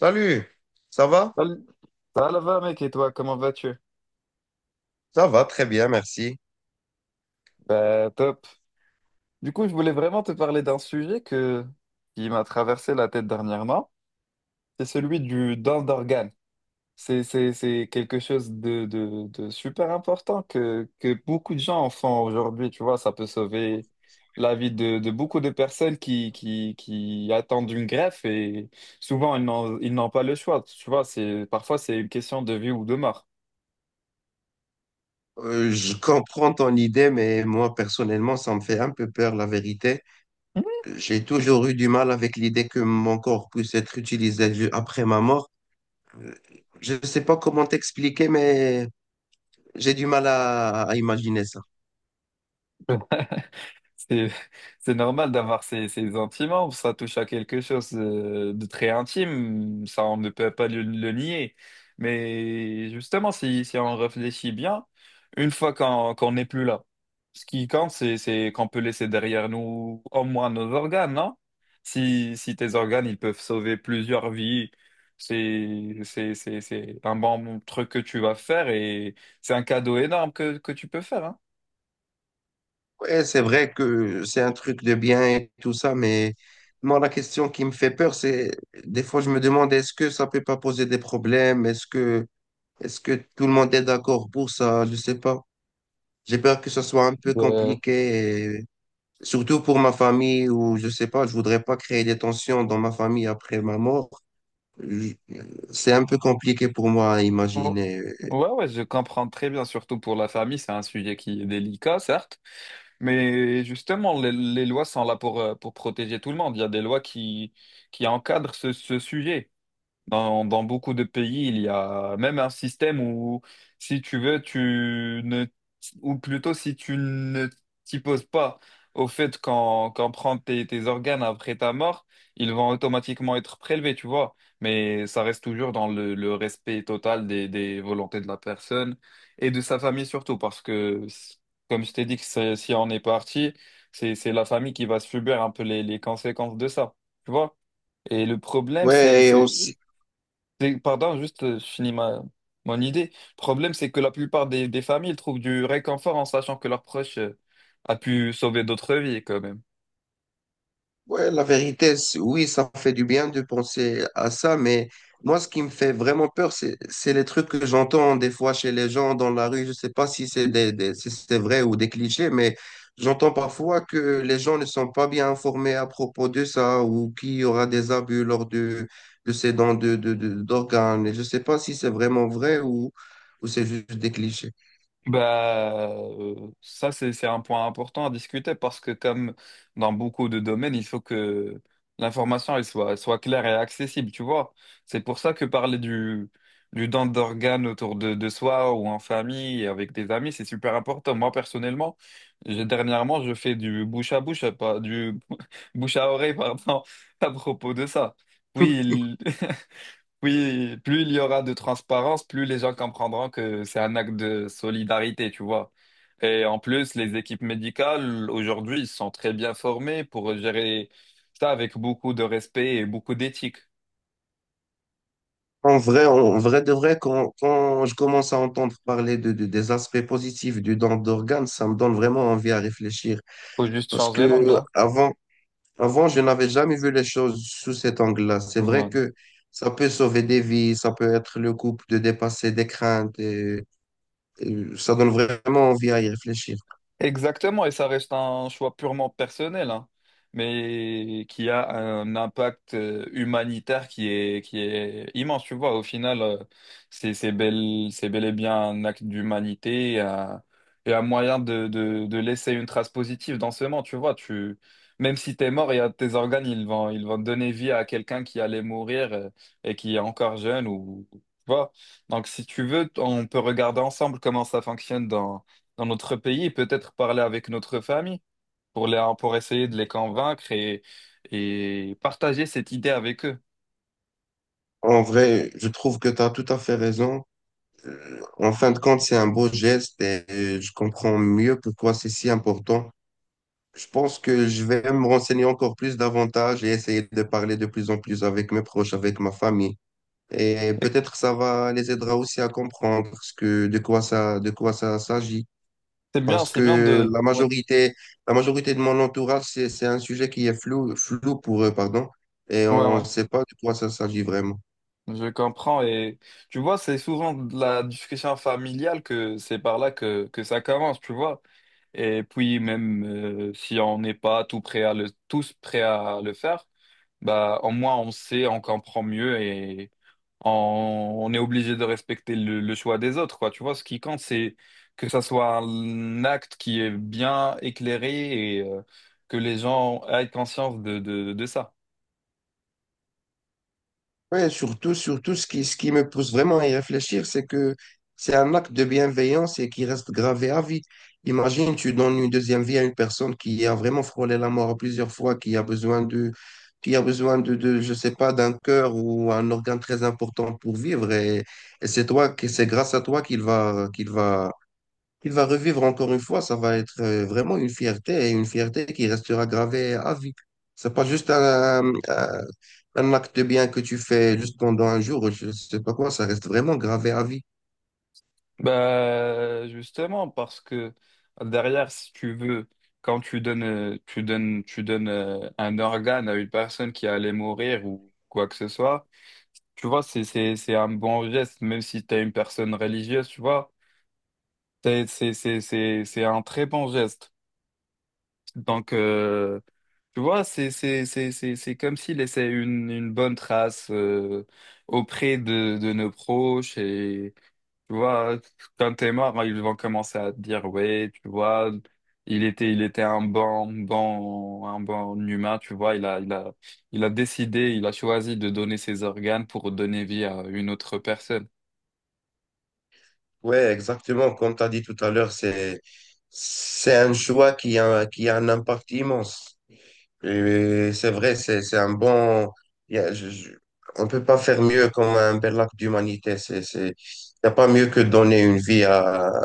Salut, ça va? Salut. Ça va là-bas, mec, et toi, comment vas-tu? Ça va, très bien, merci. Top. Je voulais vraiment te parler d'un qui m'a traversé la tête dernièrement. C'est celui du don d'organes. C'est quelque chose de super important que beaucoup de gens en font aujourd'hui. Tu vois, ça peut sauver la vie de beaucoup de personnes qui attendent une greffe et souvent, ils n'ont pas le choix. Tu vois, c'est, parfois, c'est une question de vie ou de mort. Je comprends ton idée, mais moi, personnellement, ça me fait un peu peur, la vérité. J'ai toujours eu du mal avec l'idée que mon corps puisse être utilisé après ma mort. Euh, Je ne sais pas comment t'expliquer, mais j'ai du mal à imaginer ça. Mhm. C'est, c'est normal d'avoir ces sentiments, ça touche à quelque chose de très intime, ça on ne peut pas le nier. Mais justement, si on réfléchit bien, une fois qu'on n'est plus là, ce qui compte, c'est qu'on peut laisser derrière nous au moins nos organes, non? Si tes organes, ils peuvent sauver plusieurs vies, c'est un bon truc que tu vas faire et c'est un cadeau énorme que tu peux faire, hein. Ouais, c'est vrai que c'est un truc de bien et tout ça, mais moi, la question qui me fait peur, c'est des fois, je me demande, est-ce que ça peut pas poser des problèmes? Est-ce que tout le monde est d'accord pour ça? Je sais pas. J'ai peur que ce soit un peu compliqué, surtout pour ma famille ou je sais pas, je voudrais pas créer des tensions dans ma famille après ma mort. Je- C'est un peu compliqué pour moi à Oh. imaginer. Ouais, ouais, je comprends très bien, surtout pour la famille, c'est un sujet qui est délicat, certes, mais justement, les lois sont là pour protéger tout le monde. Il y a des lois qui encadrent ce sujet. Dans beaucoup de pays, il y a même un système où, si tu veux, tu ne, ou plutôt si tu ne t'y poses pas au fait qu'en prend tes organes après ta mort, ils vont automatiquement être prélevés, tu vois. Mais ça reste toujours dans le respect total des volontés de la personne et de sa famille surtout, parce que, comme je t'ai dit, si on est parti, c'est la famille qui va subir un peu les conséquences de ça, tu vois. Et le problème, Ouais, et aussi. Pardon, juste, je finis mon idée. Le problème, c'est que la plupart des familles trouvent du réconfort en sachant que leur proche a pu sauver d'autres vies quand même. Ouais, la vérité, oui, ça fait du bien de penser à ça, mais moi, ce qui me fait vraiment peur, c'est les trucs que j'entends des fois chez les gens dans la rue. Je sais pas si c'est si c'est vrai ou des clichés, mais j'entends parfois que les gens ne sont pas bien informés à propos de ça ou qu'il y aura des abus lors de ces dons d'organes. Et je sais pas si c'est vraiment vrai ou c'est juste des clichés. Bah, ça, c'est un point important à discuter parce que comme dans beaucoup de domaines, il faut que l'information, elle soit claire et accessible, tu vois. C'est pour ça que parler du don d'organes autour de soi ou en famille et avec des amis, c'est super important. Moi, personnellement, dernièrement, je fais du bouche à bouche, pas du bouche à oreille, pardon, à propos de ça. Oui, il- Oui, plus il y aura de transparence, plus les gens comprendront que c'est un acte de solidarité, tu vois. Et en plus, les équipes médicales, aujourd'hui, ils sont très bien formés pour gérer ça avec beaucoup de respect et beaucoup d'éthique. En vrai de vrai, quand je commence à entendre parler des aspects positifs du don d'organes, ça me donne vraiment envie à réfléchir. Faut juste Parce changer l'angle, que hein. avant, avant, je n'avais jamais vu les choses sous cet angle-là. C'est vrai Voilà. que ça peut sauver des vies, ça peut être le couple de dépasser des craintes et ça donne vraiment envie à y réfléchir. Exactement, et ça reste un choix purement personnel, hein, mais qui a un impact humanitaire qui est immense, tu vois. Au final, c'est bel et bien un acte d'humanité et et un moyen de laisser une trace positive dans ce monde, tu vois. Même si t'es mort, il y a tes organes, ils vont donner vie à quelqu'un qui allait mourir et qui est encore jeune ou, tu vois. Donc, si tu veux, on peut regarder ensemble comment ça fonctionne dans notre pays et peut-être parler avec notre famille pour pour essayer de les convaincre et partager cette idée avec eux. En vrai, je trouve que tu as tout à fait raison. En fin de compte, c'est un beau geste et je comprends mieux pourquoi c'est si important. Je pense que je vais me renseigner encore plus davantage et essayer de parler de plus en plus avec mes proches, avec ma famille. Et peut-être ça va les aidera aussi à comprendre ce que, de quoi ça s'agit. C'est bien, Parce que Ouais, la majorité de mon entourage, c'est un sujet qui est flou pour eux, pardon. Et ouais, on ne ouais. sait pas de quoi ça s'agit vraiment. Je comprends et tu vois, c'est souvent de la discussion familiale que c'est par là que ça commence, tu vois. Et puis même si on n'est pas tout prêt à le, tous prêts à le faire, bah au moins on sait, on comprend mieux en- on est obligé de respecter le choix des autres, quoi. Tu vois, ce qui compte, c'est que ça soit un acte qui est bien éclairé et que les gens aient conscience de ça. Ouais, surtout, surtout ce qui me pousse vraiment à y réfléchir, c'est que c'est un acte de bienveillance et qui reste gravé à vie. Imagine, tu donnes une deuxième vie à une personne qui a vraiment frôlé la mort plusieurs fois, qui a besoin je sais pas, d'un cœur ou un organe très important pour vivre. Et c'est toi, c'est grâce à toi qu'il va revivre encore une fois, ça va être vraiment une fierté et une fierté qui restera gravée à vie. C'est pas juste un acte de bien que tu fais juste pendant un jour, ou je sais pas quoi, ça reste vraiment gravé à vie. Bah, justement, parce que derrière, si tu veux, quand tu donnes un organe à une personne qui allait mourir ou quoi que ce soit, tu vois, c'est un bon geste, même si tu es une personne religieuse, tu vois. C'est un très bon geste. Donc, tu vois, c'est comme s'il laissait une bonne trace auprès de nos proches et tu vois, quand t'es mort, ils vont commencer à te dire ouais, tu vois, il était un bon humain, tu vois, il a décidé, il a choisi de donner ses organes pour donner vie à une autre personne. Ouais, exactement. Comme tu as dit tout à l'heure, c'est un choix qui a un impact immense. Et c'est vrai, c'est un bon. Il y a- je- On ne peut pas faire mieux comme un bel acte d'humanité. C'est, il n'y a pas mieux que donner une vie à.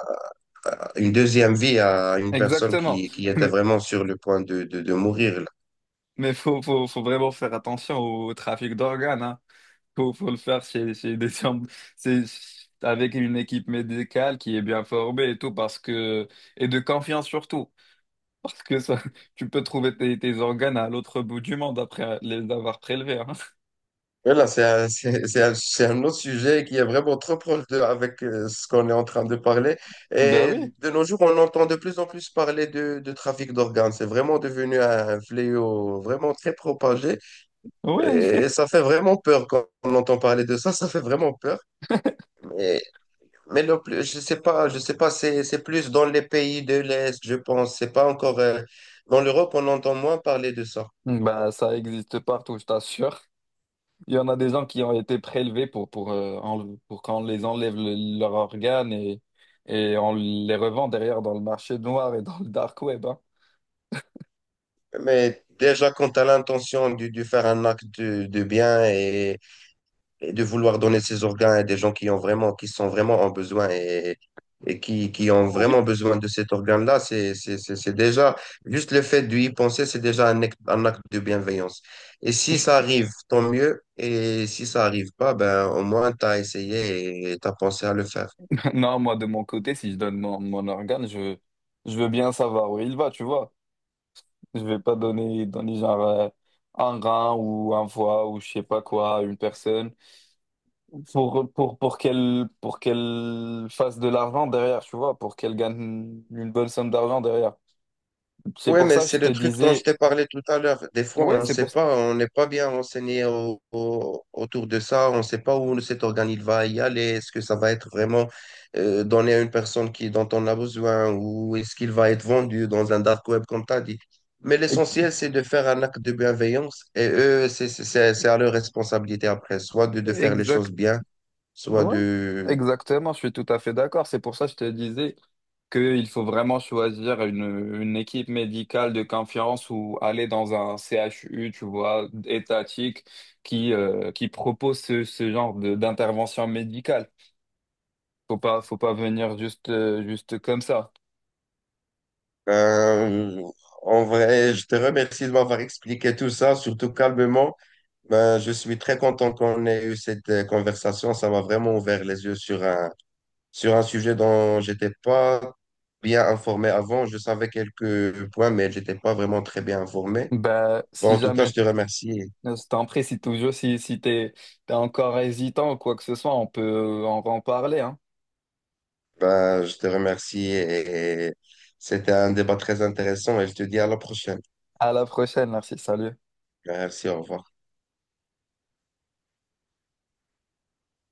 Une deuxième vie à une personne Exactement. Qui était Mais vraiment sur le point de mourir. Là, mais faut vraiment faire attention au trafic d'organes, hein. Faut le faire c'est avec une équipe médicale qui est bien formée et tout parce que et de confiance surtout parce que ça tu peux trouver tes organes à l'autre bout du monde après les avoir prélevés, hein. voilà, c'est un autre sujet qui est vraiment trop proche de, avec ce qu'on est en train de parler. Ben Et oui, de nos jours, on entend de plus en plus parler de trafic d'organes. C'est vraiment devenu un fléau vraiment très propagé. oui. Et ça fait vraiment peur quand on entend parler de ça. Ça fait vraiment peur. Mais le plus, je sais pas, c'est plus dans les pays de l'Est, je pense. C'est pas encore, dans l'Europe, on entend moins parler de ça. Bah ça existe partout, je t'assure. Il y en a des gens qui ont été prélevés pour qu'on les enlève leurs organes et on les revend derrière dans le marché noir et dans le dark web, hein. Mais déjà, quand tu as l'intention de faire un acte de bien et de vouloir donner ses organes à des gens qui ont vraiment, qui sont vraiment en besoin et, qui ont Oh, oui. vraiment besoin de cet organe-là, c'est déjà, juste le fait d'y penser, c'est déjà un acte de bienveillance. Et si ça arrive, tant mieux. Et si ça arrive pas, ben, au moins, tu as essayé et tu as pensé à le faire. Non, moi, de mon côté, si je donne mon organe, je veux bien savoir où il va, tu vois. Je vais pas donner genre un rein ou un foie ou je sais pas quoi à une personne pour qu'elle fasse de l'argent derrière, tu vois, pour qu'elle gagne une bonne somme d'argent derrière. C'est Ouais, pour mais ça que c'est je te le truc dont je disais, t'ai parlé tout à l'heure. Des fois, on ouais, ne c'est pour sait ça. pas, on n'est pas bien renseigné autour de ça. On ne sait pas où cet organisme va y aller. Est-ce que ça va être vraiment donné à une personne qui, dont on a besoin ou est-ce qu'il va être vendu dans un dark web, comme tu as dit. Mais l'essentiel, c'est de faire un acte de bienveillance et eux, c'est à leur responsabilité après, soit de faire les Exact, choses bien, soit ouais, de... exactement, je suis tout à fait d'accord. C'est pour ça que je te disais qu'il faut vraiment choisir une équipe médicale de confiance ou aller dans un CHU, tu vois, étatique, qui propose d'intervention médicale. Faut pas venir juste, juste comme ça. Ben, en vrai, je te remercie de m'avoir expliqué tout ça, surtout calmement. Ben, je suis très content qu'on ait eu cette conversation. Ça m'a vraiment ouvert les yeux sur un sujet dont j'étais pas bien informé avant. Je savais quelques points, mais j'étais pas vraiment très bien informé. Bah, Bon, si en tout cas, je jamais, te remercie. Je t'en prie, si toujours, si t'es encore hésitant ou quoi que ce soit, on peut en parler, hein. Ben, je te remercie et c'était un débat très intéressant et je te dis à la prochaine. À la prochaine, merci, salut. Merci, au revoir.